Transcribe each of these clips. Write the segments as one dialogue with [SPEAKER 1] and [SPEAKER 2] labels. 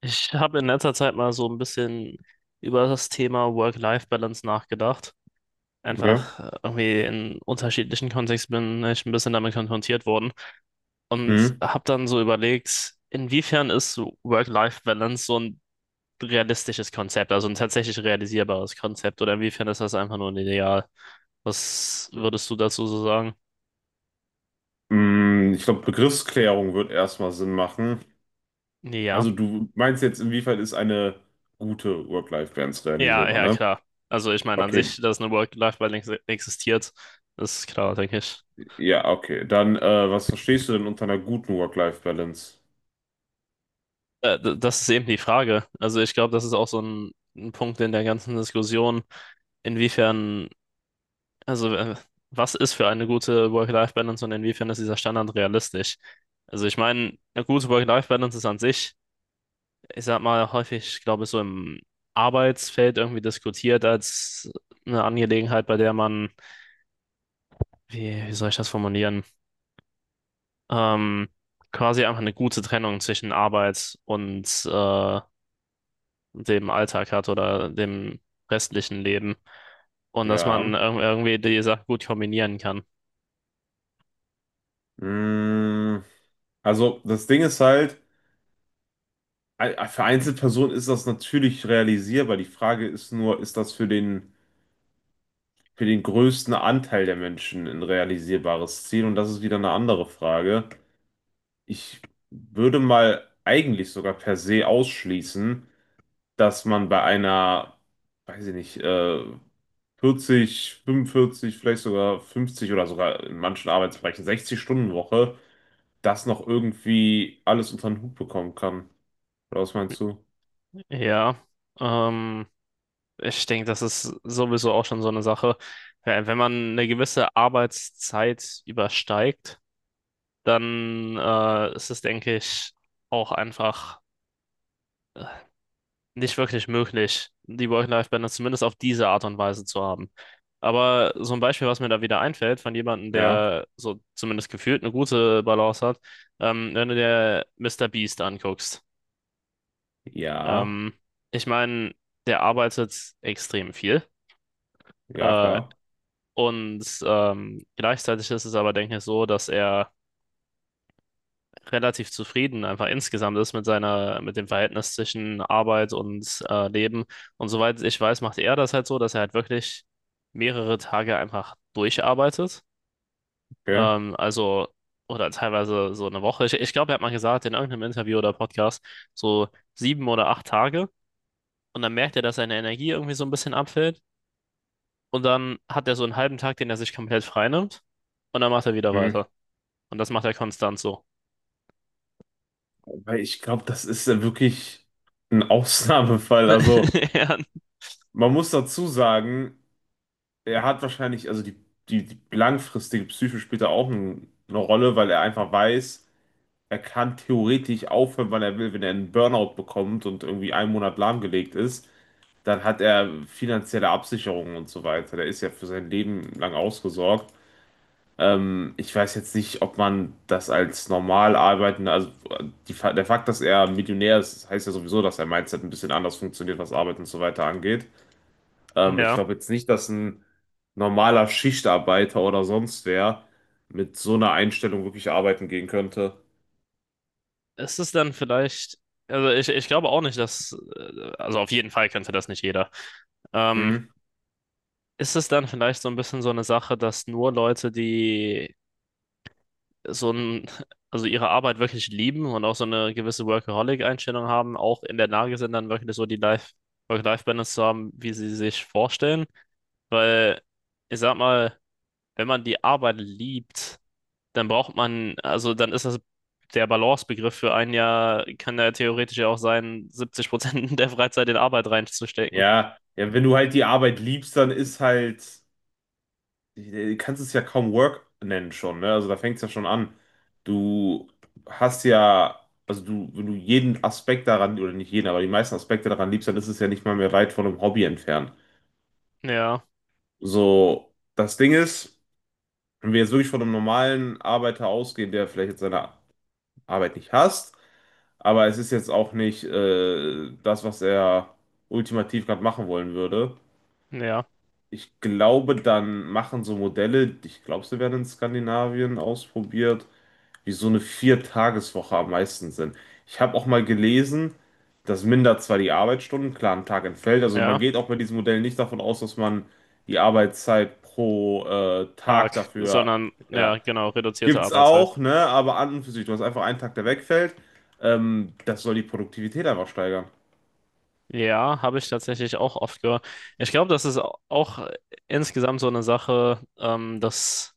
[SPEAKER 1] Ich habe in letzter Zeit mal so ein bisschen über das Thema Work-Life-Balance nachgedacht.
[SPEAKER 2] Okay.
[SPEAKER 1] Einfach irgendwie in unterschiedlichen Kontexten bin ich ein bisschen damit konfrontiert worden und
[SPEAKER 2] Mhm.
[SPEAKER 1] habe dann so überlegt, inwiefern ist so Work-Life-Balance so ein realistisches Konzept, also ein tatsächlich realisierbares Konzept oder inwiefern ist das einfach nur ein Ideal? Was würdest du dazu so sagen?
[SPEAKER 2] Ich glaube, Begriffsklärung wird erstmal Sinn machen.
[SPEAKER 1] Ja,
[SPEAKER 2] Also du meinst jetzt, inwiefern ist eine gute Work-Life-Balance
[SPEAKER 1] ja,
[SPEAKER 2] realisierbar,
[SPEAKER 1] ja,
[SPEAKER 2] ne?
[SPEAKER 1] klar. Also ich meine an
[SPEAKER 2] Okay,
[SPEAKER 1] sich, dass eine Work-Life-Balance existiert, ist klar, denke ich.
[SPEAKER 2] ja, okay. Dann, was verstehst du denn unter einer guten Work-Life-Balance?
[SPEAKER 1] Das ist eben die Frage. Also ich glaube, das ist auch so ein Punkt in der ganzen Diskussion, inwiefern, also was ist für eine gute Work-Life-Balance und inwiefern ist dieser Standard realistisch? Also ich meine, eine gute Work-Life-Balance ist an sich, ich sag mal, häufig, glaube ich, so im Arbeitsfeld irgendwie diskutiert als eine Angelegenheit, bei der man, wie soll ich das formulieren? Ähm, quasi einfach eine gute Trennung zwischen Arbeit und dem Alltag hat oder dem restlichen Leben. Und dass man
[SPEAKER 2] Ja.
[SPEAKER 1] irgendwie die Sachen gut kombinieren kann.
[SPEAKER 2] Mm, Also das Ding ist halt, für Einzelpersonen ist das natürlich realisierbar. Die Frage ist nur, ist das für den größten Anteil der Menschen ein realisierbares Ziel? Und das ist wieder eine andere Frage. Ich würde mal eigentlich sogar per se ausschließen, dass man bei einer, weiß ich nicht, 40, 45, vielleicht sogar 50 oder sogar in manchen Arbeitsbereichen 60-Stunden-Woche das noch irgendwie alles unter den Hut bekommen kann. Oder was meinst du?
[SPEAKER 1] Ja, ähm, ich denke, das ist sowieso auch schon so eine Sache. Wenn man eine gewisse Arbeitszeit übersteigt, dann ist es, denke ich, auch einfach nicht wirklich möglich, die Work-Life-Balance zumindest auf diese Art und Weise zu haben. Aber so ein Beispiel, was mir da wieder einfällt, von jemandem,
[SPEAKER 2] Ja,
[SPEAKER 1] der so zumindest gefühlt eine gute Balance hat, wenn du dir Mr. Beast anguckst.
[SPEAKER 2] ja,
[SPEAKER 1] Ähm, ich meine, der arbeitet extrem viel.
[SPEAKER 2] ja,
[SPEAKER 1] Äh,
[SPEAKER 2] klar.
[SPEAKER 1] und gleichzeitig ist es aber, denke ich, so, dass er relativ zufrieden einfach insgesamt ist mit seiner, mit dem Verhältnis zwischen Arbeit und Leben. Und soweit ich weiß, macht er das halt so, dass er halt wirklich mehrere Tage einfach durcharbeitet.
[SPEAKER 2] Okay.
[SPEAKER 1] Ähm, also, oder teilweise so eine Woche. Ich glaube, er hat mal gesagt in irgendeinem Interview oder Podcast, so 7 oder 8 Tage. Und dann merkt er, dass seine Energie irgendwie so ein bisschen abfällt. Und dann hat er so einen halben Tag, den er sich komplett freinimmt. Und dann macht er wieder
[SPEAKER 2] Mhm.
[SPEAKER 1] weiter. Und das macht er konstant so.
[SPEAKER 2] Weil ich glaube, das ist ja wirklich ein Ausnahmefall. Also, man muss dazu sagen, er hat wahrscheinlich, also die langfristige Psyche spielt da auch eine Rolle, weil er einfach weiß, er kann theoretisch aufhören, wann er will. Wenn er einen Burnout bekommt und irgendwie einen Monat lahmgelegt ist, dann hat er finanzielle Absicherungen und so weiter. Der ist ja für sein Leben lang ausgesorgt. Ich weiß jetzt nicht, ob man das als normal arbeitender, also die, der Fakt, dass er Millionär ist, heißt ja sowieso, dass sein Mindset ein bisschen anders funktioniert, was Arbeit und so weiter angeht. Ich
[SPEAKER 1] Ja.
[SPEAKER 2] glaube jetzt nicht, dass ein normaler Schichtarbeiter oder sonst wer mit so einer Einstellung wirklich arbeiten gehen könnte.
[SPEAKER 1] Ist es dann vielleicht, also ich glaube auch nicht, dass, also auf jeden Fall könnte das nicht jeder. Ähm,
[SPEAKER 2] Hm?
[SPEAKER 1] ist es dann vielleicht so ein bisschen so eine Sache, dass nur Leute, die so ein, also ihre Arbeit wirklich lieben und auch so eine gewisse Workaholic-Einstellung haben, auch in der Lage sind, dann wirklich so die Work-Life-Balance zu haben, wie sie sich vorstellen? Weil, ich sag mal, wenn man die Arbeit liebt, dann braucht man, also dann ist das der Balancebegriff für ein Jahr, kann ja theoretisch ja auch sein, 70% der Freizeit in Arbeit reinzustecken.
[SPEAKER 2] Ja, ja, wenn du halt die Arbeit liebst, dann ist halt, du kannst es ja kaum Work nennen schon, ne? Also da fängt es ja schon an. Du hast ja, also du, wenn du jeden Aspekt daran, oder nicht jeden, aber die meisten Aspekte daran liebst, dann ist es ja nicht mal mehr weit von einem Hobby entfernt.
[SPEAKER 1] Ja,
[SPEAKER 2] So, das Ding ist, wenn wir jetzt wirklich von einem normalen Arbeiter ausgehen, der vielleicht jetzt seine Arbeit nicht hasst, aber es ist jetzt auch nicht das, was er ultimativ gerade machen wollen würde.
[SPEAKER 1] ja,
[SPEAKER 2] Ich glaube, dann machen so Modelle, ich glaube, sie werden in Skandinavien ausprobiert, wie so eine Viertageswoche am meisten Sinn. Ich habe auch mal gelesen, das mindert zwar die Arbeitsstunden, klar, am Tag entfällt, also man
[SPEAKER 1] ja,
[SPEAKER 2] geht auch bei diesem Modell nicht davon aus, dass man die Arbeitszeit pro Tag
[SPEAKER 1] arg,
[SPEAKER 2] dafür,
[SPEAKER 1] sondern
[SPEAKER 2] ja,
[SPEAKER 1] ja, genau, reduzierte
[SPEAKER 2] gibt's
[SPEAKER 1] Arbeitszeit.
[SPEAKER 2] auch, ne? Aber an und für sich, du hast einfach einen Tag, der wegfällt. Das soll die Produktivität einfach steigern.
[SPEAKER 1] Ja, habe ich tatsächlich auch oft gehört. Ich glaube, das ist auch insgesamt so eine Sache, dass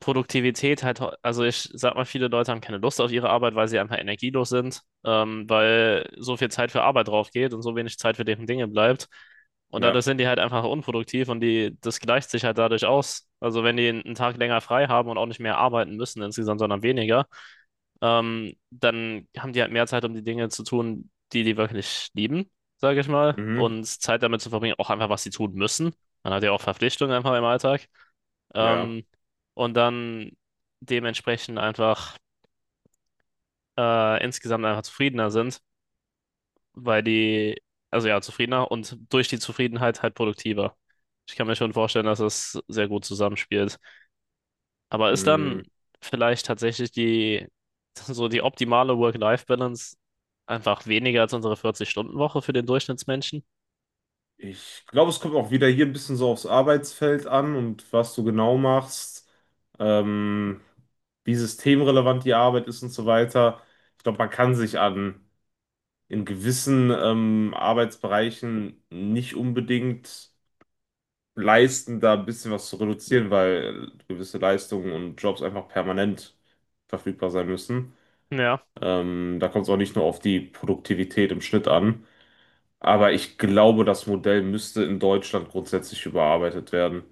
[SPEAKER 1] Produktivität halt, also ich sag mal, viele Leute haben keine Lust auf ihre Arbeit, weil sie einfach energielos sind, weil so viel Zeit für Arbeit drauf geht und so wenig Zeit für deren Dinge bleibt. Und
[SPEAKER 2] Ja.
[SPEAKER 1] dadurch sind die halt einfach unproduktiv und die, das gleicht sich halt dadurch aus. Also wenn die einen Tag länger frei haben und auch nicht mehr arbeiten müssen insgesamt, sondern weniger, dann haben die halt mehr Zeit, um die Dinge zu tun, die die wirklich lieben, sage ich mal,
[SPEAKER 2] Mhm.
[SPEAKER 1] und Zeit damit zu verbringen, auch einfach, was sie tun müssen. Man hat ja auch Verpflichtungen einfach im Alltag.
[SPEAKER 2] Ja.
[SPEAKER 1] Ähm, und dann dementsprechend einfach insgesamt einfach zufriedener sind, weil die, also ja, zufriedener und durch die Zufriedenheit halt produktiver. Ich kann mir schon vorstellen, dass es sehr gut zusammenspielt. Aber ist
[SPEAKER 2] Mhm.
[SPEAKER 1] dann vielleicht tatsächlich die, so die optimale Work-Life-Balance einfach weniger als unsere 40-Stunden-Woche für den Durchschnittsmenschen?
[SPEAKER 2] Ich glaube, es kommt auch wieder hier ein bisschen so aufs Arbeitsfeld an und was du genau machst, ähm, wie systemrelevant die Arbeit ist und so weiter. Ich glaube, man kann sich an in gewissen Arbeitsbereichen nicht unbedingt leisten, da ein bisschen was zu reduzieren, weil gewisse Leistungen und Jobs einfach permanent verfügbar sein müssen.
[SPEAKER 1] Ja,
[SPEAKER 2] Da kommt es auch nicht nur auf die Produktivität im Schnitt an. Aber ich glaube, das Modell müsste in Deutschland grundsätzlich überarbeitet werden.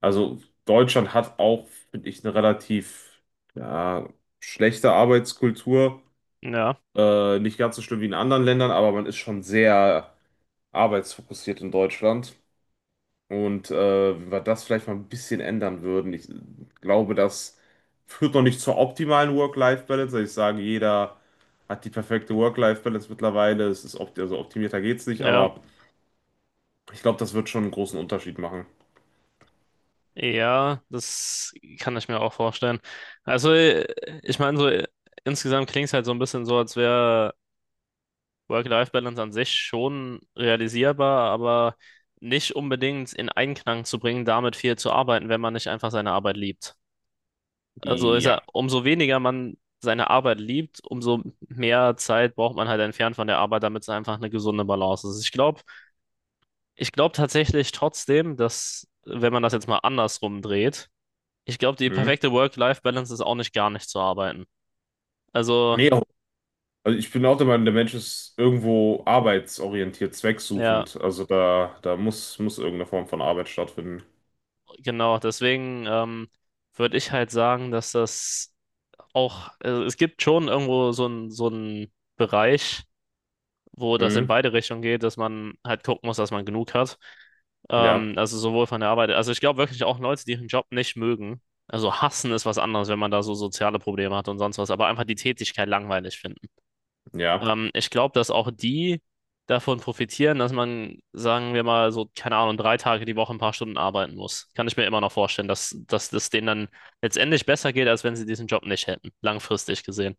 [SPEAKER 2] Also Deutschland hat auch, finde ich, eine relativ ja, schlechte Arbeitskultur.
[SPEAKER 1] ja,
[SPEAKER 2] Nicht ganz so schlimm wie in anderen Ländern, aber man ist schon sehr arbeitsfokussiert in Deutschland. Und wenn wir das vielleicht mal ein bisschen ändern würden, ich glaube, das führt noch nicht zur optimalen Work-Life-Balance. Also ich sage, jeder hat die perfekte Work-Life-Balance mittlerweile. Es ist opt also optimierter geht's nicht,
[SPEAKER 1] ja,
[SPEAKER 2] aber ich glaube, das wird schon einen großen Unterschied machen.
[SPEAKER 1] ja, das kann ich mir auch vorstellen. Also, ich meine, so insgesamt klingt es halt so ein bisschen so, als wäre Work-Life-Balance an sich schon realisierbar, aber nicht unbedingt in Einklang zu bringen, damit viel zu arbeiten, wenn man nicht einfach seine Arbeit liebt. Also ist ja,
[SPEAKER 2] Ja.
[SPEAKER 1] umso weniger man seine Arbeit liebt, umso mehr Zeit braucht man halt entfernt von der Arbeit, damit es einfach eine gesunde Balance ist. Ich glaube tatsächlich trotzdem, dass, wenn man das jetzt mal andersrum dreht, ich glaube, die
[SPEAKER 2] Hm.
[SPEAKER 1] perfekte Work-Life-Balance ist auch nicht gar nicht zu arbeiten. Also,
[SPEAKER 2] Nee, also ich bin auch der Meinung, der Mensch ist irgendwo arbeitsorientiert,
[SPEAKER 1] ja,
[SPEAKER 2] zwecksuchend. Also da, muss irgendeine Form von Arbeit stattfinden.
[SPEAKER 1] genau. Deswegen würde ich halt sagen, dass das auch, also es gibt schon irgendwo so einen Bereich, wo das in
[SPEAKER 2] Hm.
[SPEAKER 1] beide Richtungen geht, dass man halt gucken muss, dass man genug hat.
[SPEAKER 2] Ja,
[SPEAKER 1] Also sowohl von der Arbeit, also ich glaube wirklich auch Leute, die ihren Job nicht mögen. Also hassen ist was anderes, wenn man da so soziale Probleme hat und sonst was, aber einfach die Tätigkeit langweilig finden.
[SPEAKER 2] ja.
[SPEAKER 1] Ich glaube, dass auch die davon profitieren, dass man, sagen wir mal, so, keine Ahnung, 3 Tage die Woche ein paar Stunden arbeiten muss. Kann ich mir immer noch vorstellen, dass das denen dann letztendlich besser geht, als wenn sie diesen Job nicht hätten, langfristig gesehen.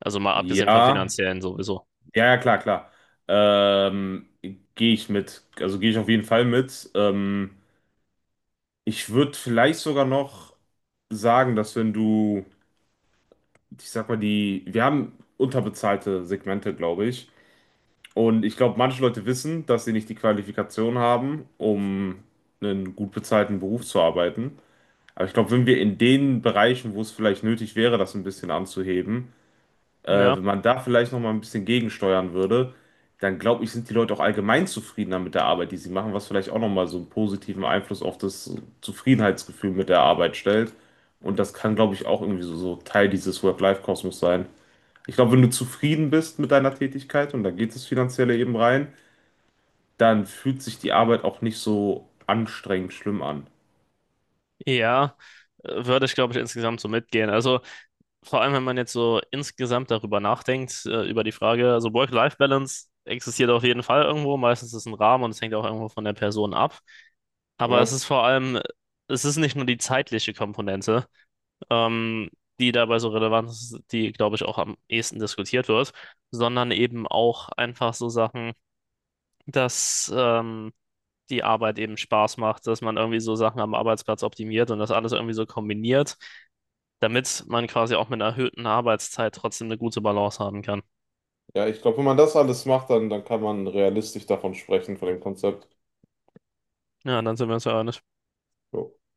[SPEAKER 1] Also mal abgesehen vom
[SPEAKER 2] Ja,
[SPEAKER 1] finanziellen sowieso.
[SPEAKER 2] ja, ja, klar, klar. Ähm, gehe ich mit. Also gehe ich auf jeden Fall mit. Ich würde vielleicht sogar noch sagen, dass wenn du, ich sag mal, die, wir haben unterbezahlte Segmente, glaube ich. Und ich glaube, manche Leute wissen, dass sie nicht die Qualifikation haben, um einen gut bezahlten Beruf zu arbeiten. Aber ich glaube, wenn wir in den Bereichen, wo es vielleicht nötig wäre, das ein bisschen anzuheben, äh,
[SPEAKER 1] Ja.
[SPEAKER 2] wenn man da vielleicht noch mal ein bisschen gegensteuern würde, dann glaube ich, sind die Leute auch allgemein zufriedener mit der Arbeit, die sie machen, was vielleicht auch noch mal so einen positiven Einfluss auf das Zufriedenheitsgefühl mit der Arbeit stellt. Und das kann, glaube ich, auch irgendwie so, so Teil dieses Work-Life-Kosmos sein. Ich glaube, wenn du zufrieden bist mit deiner Tätigkeit und da geht es finanzielle eben rein, dann fühlt sich die Arbeit auch nicht so anstrengend schlimm an.
[SPEAKER 1] Ja, würde ich, glaube ich, insgesamt so mitgehen. Also vor allem, wenn man jetzt so insgesamt darüber nachdenkt, über die Frage, also Work-Life-Balance existiert auf jeden Fall irgendwo, meistens ist es ein Rahmen und es hängt auch irgendwo von der Person ab. Aber es
[SPEAKER 2] Ja,
[SPEAKER 1] ist vor allem, es ist nicht nur die zeitliche Komponente, ähm, die dabei so relevant ist, die, glaube ich, auch am ehesten diskutiert wird, sondern eben auch einfach so Sachen, dass die Arbeit eben Spaß macht, dass man irgendwie so Sachen am Arbeitsplatz optimiert und das alles irgendwie so kombiniert damit man quasi auch mit einer erhöhten Arbeitszeit trotzdem eine gute Balance haben kann.
[SPEAKER 2] ja, ich glaube, wenn man das alles macht, dann, dann kann man realistisch davon sprechen, von dem Konzept.
[SPEAKER 1] Ja, dann sind wir uns ja einig.
[SPEAKER 2] Ja.